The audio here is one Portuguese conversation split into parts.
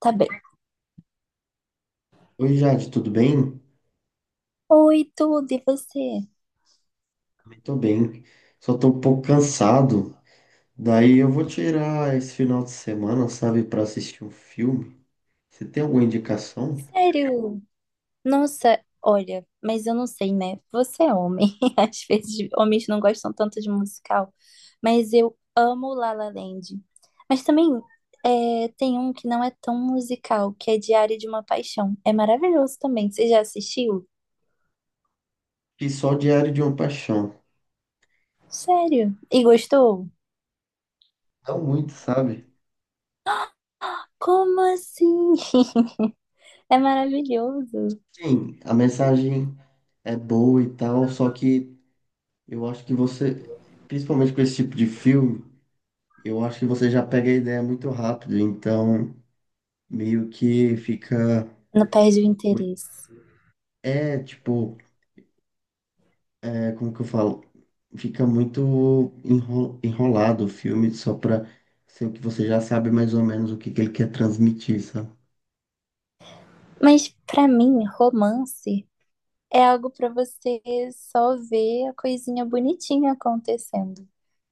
Tá bem. Oi, Jade, tudo bem? Oi, tudo, e você? Tô bem. Só tô um pouco cansado. Daí eu vou tirar esse final de semana, sabe, pra assistir um filme. Você tem alguma indicação? Sério? Nossa, olha, mas eu não sei, né? Você é homem. Às vezes homens não gostam tanto de musical, mas eu amo La La Land. Mas também é, tem um que não é tão musical, que é Diário de uma Paixão. É maravilhoso também. Você já assistiu? E só Diário de uma Paixão. Sério? E gostou? Não muito, sabe? Como assim? É maravilhoso. Sim, a mensagem é boa e tal, só que eu acho que você, principalmente com esse tipo de filme, eu acho que você já pega a ideia muito rápido, então meio que fica Não perde o muito- interesse. é, tipo é como que eu falo, fica enrolado o filme só pra ser o que você já sabe mais ou menos o que que ele quer transmitir, sabe? Mas pra mim, romance é algo para você só ver a coisinha bonitinha acontecendo.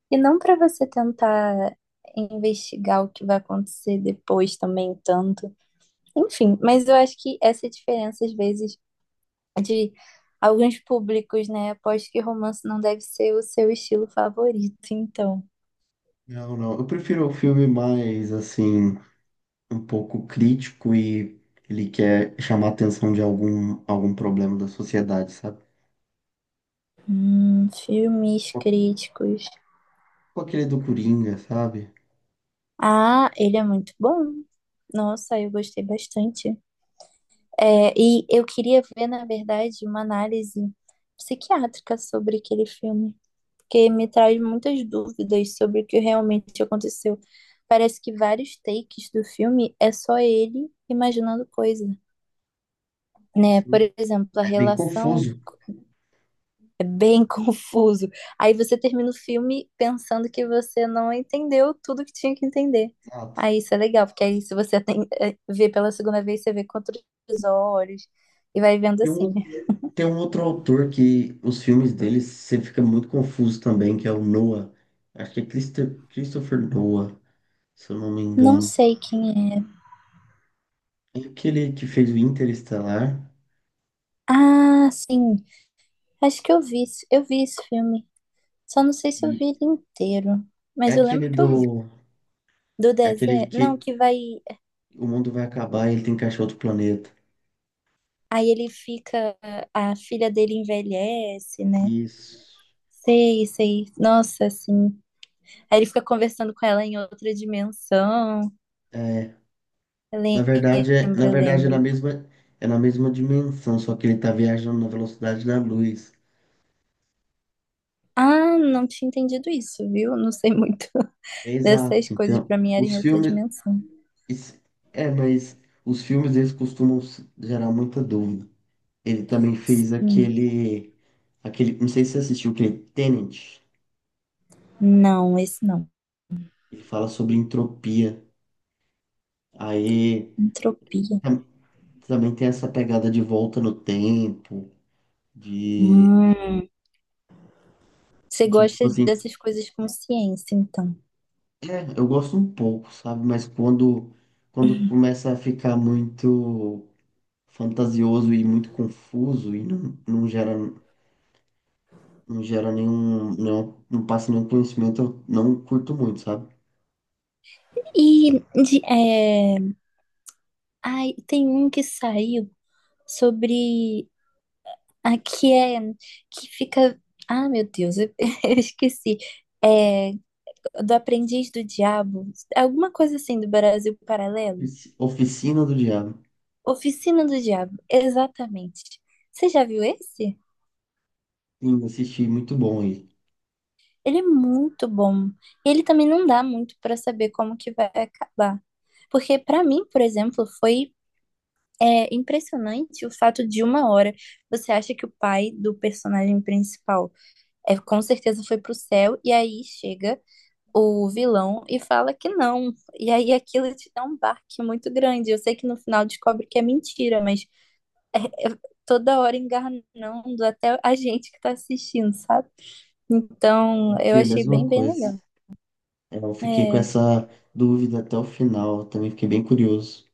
E não para você tentar investigar o que vai acontecer depois também tanto. Enfim, mas eu acho que essa diferença às vezes de alguns públicos, né? Aposto que romance não deve ser o seu estilo favorito, então. Não, não. Eu prefiro o filme mais, assim, um pouco crítico e ele quer chamar a atenção de algum problema da sociedade, sabe? Filmes críticos. Tipo aquele do Coringa, sabe? Ah, ele é muito bom. Nossa, eu gostei bastante. É, e eu queria ver, na verdade, uma análise psiquiátrica sobre aquele filme, porque me traz muitas dúvidas sobre o que realmente aconteceu. Parece que vários takes do filme é só ele imaginando coisa, né? Por Sim. exemplo, a É bem relação confuso. é bem confuso. Aí você termina o filme pensando que você não entendeu tudo que tinha que entender. Exato. Aí isso é legal, porque aí se você tem, vê pela segunda vez, você vê com outros olhos e vai vendo E assim. um Tem um outro autor que os filmes dele você fica muito confuso também, que é o Noah. Acho que é Christopher Noah, se eu não me Não engano. sei quem é. É aquele que fez o Interestelar Ah, sim. Acho que eu vi, eu vi esse filme. Só não sei se eu e vi ele inteiro. é Mas eu aquele lembro que eu vi. do, Do é aquele deserto. Não, que que vai. o mundo vai acabar e ele tem que achar outro planeta. Aí ele fica. A filha dele envelhece, né? Isso. Sei, sei. Nossa, assim. Aí ele fica conversando com ela em outra dimensão. É, Eu na lembro, eu verdade lembro. É na mesma dimensão, só que ele tá viajando na velocidade da luz. Ah, não tinha entendido isso, viu? Não sei muito É dessas exato. coisas. Então, Pra mim era os em outra filmes dimensão. Isso- É, mas os filmes eles costumam gerar muita dúvida. Ele também fez Hum. Aquele, não sei se você assistiu aquele Tenet. Não, esse não. Ele fala sobre entropia. Aí Entropia. tam- também tem essa pegada de volta no tempo, de, Hum, você de tipo gosta assim, dessas coisas com ciência, então. é, eu gosto um pouco, sabe? Mas quando começa a ficar muito fantasioso e muito confuso e não, não gera nenhum, não, não passa nenhum conhecimento, eu não curto muito, sabe? E de, é, ai, tem um que saiu sobre a que é que fica. Ah, meu Deus, eu, eu esqueci. É, do Aprendiz do Diabo, alguma coisa assim do Brasil Paralelo? Oficina do Diabo. Oficina do Diabo, exatamente. Você já viu esse? Sim, assisti, muito bom aí. Ele é muito bom. Ele também não dá muito para saber como que vai acabar. Porque para mim, por exemplo, foi é impressionante o fato de uma hora você acha que o pai do personagem principal é com certeza foi pro céu e aí chega o vilão e fala que não. E aí aquilo te dá um barque muito grande. Eu sei que no final descobre que é mentira, mas é toda hora enganando até a gente que tá assistindo, sabe? Então, eu Assisti a achei mesma bem, bem coisa. legal. É, eu fiquei com É, essa dúvida até o final, também fiquei bem curioso.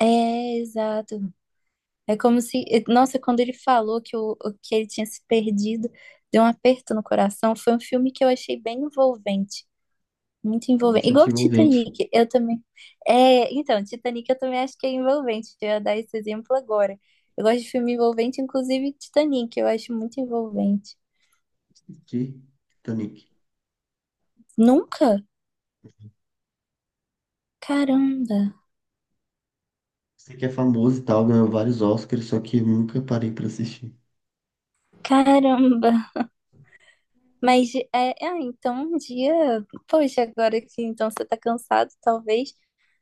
é exato. É como se, nossa, quando ele falou que, que ele tinha se perdido, deu um aperto no coração. Foi um filme que eu achei bem envolvente, muito Foi envolvente. Igual bastante envolvente. Titanic, eu também. É, então, Titanic eu também acho que é envolvente. Eu ia dar esse exemplo agora. Eu gosto de filme envolvente, inclusive Titanic, eu acho muito envolvente. Assisti Titanic. Nunca? Caramba, Sei que é famoso e tal, ganhou vários Oscars, só que eu nunca parei pra assistir. caramba. Mas é, é, então um dia, poxa, agora que então você tá cansado, talvez.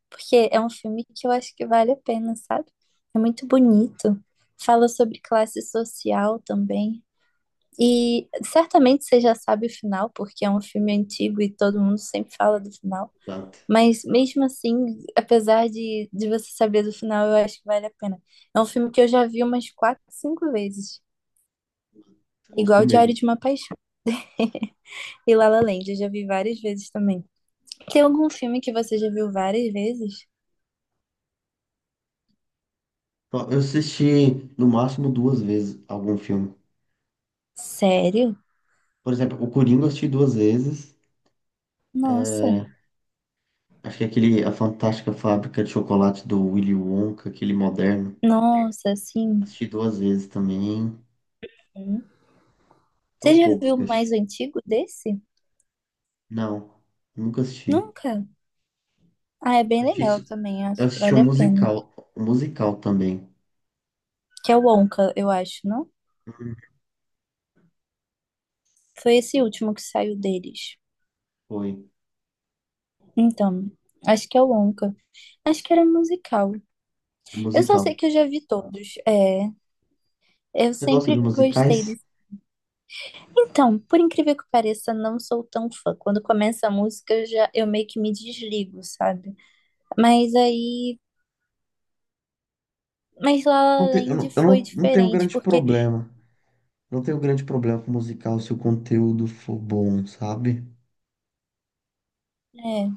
Porque é um filme que eu acho que vale a pena, sabe? É muito bonito. Fala sobre classe social também. E certamente você já sabe o final, porque é um filme antigo e todo mundo sempre fala do final. Exato. Mas mesmo assim, apesar de você saber do final, eu acho que vale a pena. É um filme que eu já vi umas quatro, cinco vezes. Você gostou Igual Diário mesmo. de uma Paixão. E La La Land, eu já vi várias vezes também. Tem algum filme que você já viu várias vezes? Ó, eu assisti no máximo duas vezes algum filme. Sério? Por exemplo, o Coringa eu assisti duas vezes. Nossa, É, acho que é aquele, a Fantástica Fábrica de Chocolate do Willy Wonka, aquele moderno. nossa, assim, Assisti duas vezes também. hum. Você São já poucos viu que eu mais assisti. antigo desse? Não, nunca assisti. Nunca. Ah, é bem Eu legal também, acho eu que assisti vale um a pena. Um musical também. Que é o Onca, eu acho, não? Hum. Foi esse último que saiu deles. Foi, Então, acho que é o Onca. Acho que era musical. é Eu só sei musical. que eu já vi todos. É, eu Você gosta de sempre gostei musicais? desse. Então, por incrível que pareça, não sou tão fã. Quando começa a música, eu meio que me desligo, sabe? Mas aí, mas La La Eu Land eu foi não tenho diferente, grande porque problema. Não tenho grande problema com musical se o conteúdo for bom, sabe? é,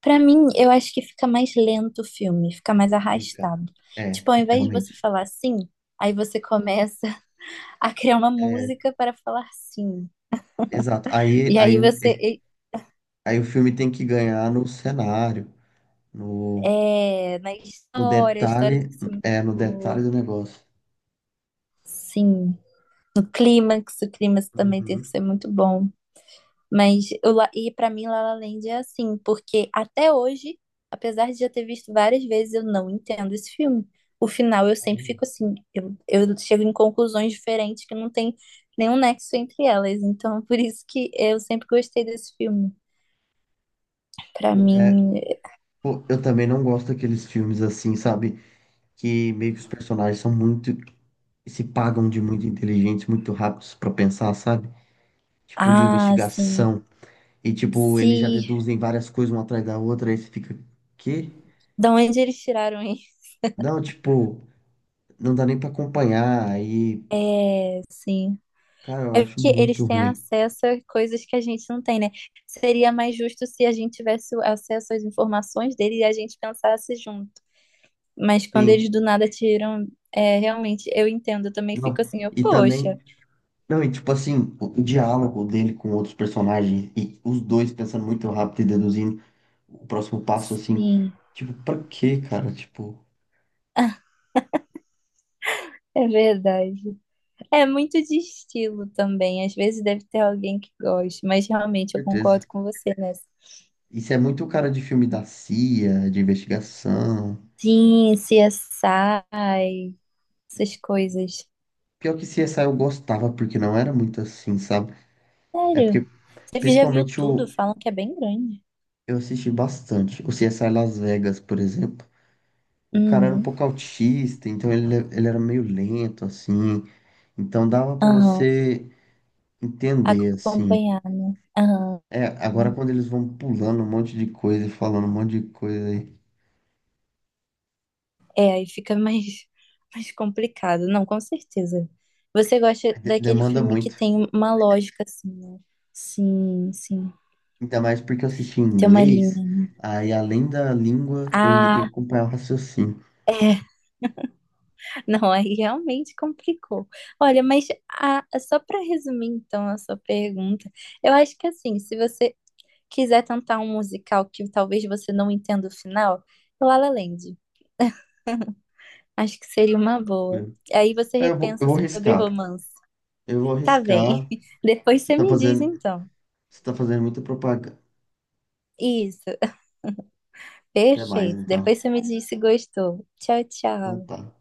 pra mim, eu acho que fica mais lento o filme, fica mais Fica. arrastado. É, Tipo, ao invés de realmente. você falar sim, aí você começa a criar uma É, música para falar sim. exato. E aí você, Aí o filme tem que ganhar no cenário. No, é, é, na no história, a história tem que ser muito é, no detalhe boa. do negócio. Sim. No clímax, o clímax também tem que Uhum. ser muito bom. Mas eu, e pra mim La La Land é assim, porque até hoje, apesar de já ter visto várias vezes, eu não entendo esse filme. O final eu sempre Caramba. fico assim, eu chego em conclusões diferentes que não tem nenhum nexo entre elas. Então, por isso que eu sempre gostei desse filme. Pra Pô, é, mim, pô, eu também não gosto daqueles filmes assim, sabe? Que meio que os personagens são muito, se pagam de muito inteligentes, muito rápidos pra pensar, sabe? Tipo, de ah, assim, investigação. E, tipo, eles já se deduzem várias coisas uma atrás da outra, aí você fica, quê? da onde eles tiraram isso? Não, tipo, não dá nem pra acompanhar. Aí, É, sim. cara, eu É acho que eles muito têm ruim. acesso a coisas que a gente não tem, né? Seria mais justo se a gente tivesse o acesso às informações dele e a gente pensasse junto. Mas quando Sim, eles do nada tiram, é, realmente, eu entendo, eu também não. fico assim, eu, E também poxa, Não, e tipo assim, o diálogo dele com outros personagens e os dois pensando muito rápido e deduzindo o próximo passo, assim, sim, tipo, pra quê, cara? Tipo, é verdade. É muito de estilo também, às vezes deve ter alguém que goste, mas realmente eu certeza. concordo com você nessa. Isso é muito cara de filme da CIA, de investigação. Sim, CSI, essas coisas. Pior que CSI eu gostava, porque não era muito assim, sabe? É Sério, porque, você já viu principalmente, tudo, o, falam que é bem grande. eu assisti bastante. O CSI Las Vegas, por exemplo. O cara era um Uhum. pouco autista, então ele era meio lento, assim. Então dava pra Aham. você entender, assim. Acompanhando. Aham. É, agora quando eles vão pulando um monte de coisa e falando um monte de coisa aí, É, aí fica mais, mais complicado. Não, com certeza. Você gosta daquele demanda filme que muito. tem uma lógica, assim, né? Sim, sim. Ainda mais porque eu assisti em Tem uma inglês, linha. aí além da língua, eu ainda tenho que Ah, acompanhar o raciocínio. é. Não, aí realmente complicou. Olha, só para resumir, então, a sua pergunta, eu acho que, assim, se você quiser tentar um musical que talvez você não entenda o final, La La Land. Acho que seria uma boa. Aí você É, eu repensa vou sobre riscar. romance. Eu vou Tá bem. riscar. Depois Você você tá me diz fazendo, então. você tá fazendo muita propaganda. Isso, Até mais, perfeito. então. Depois você me diz se gostou. Tchau, Então tchau. tá.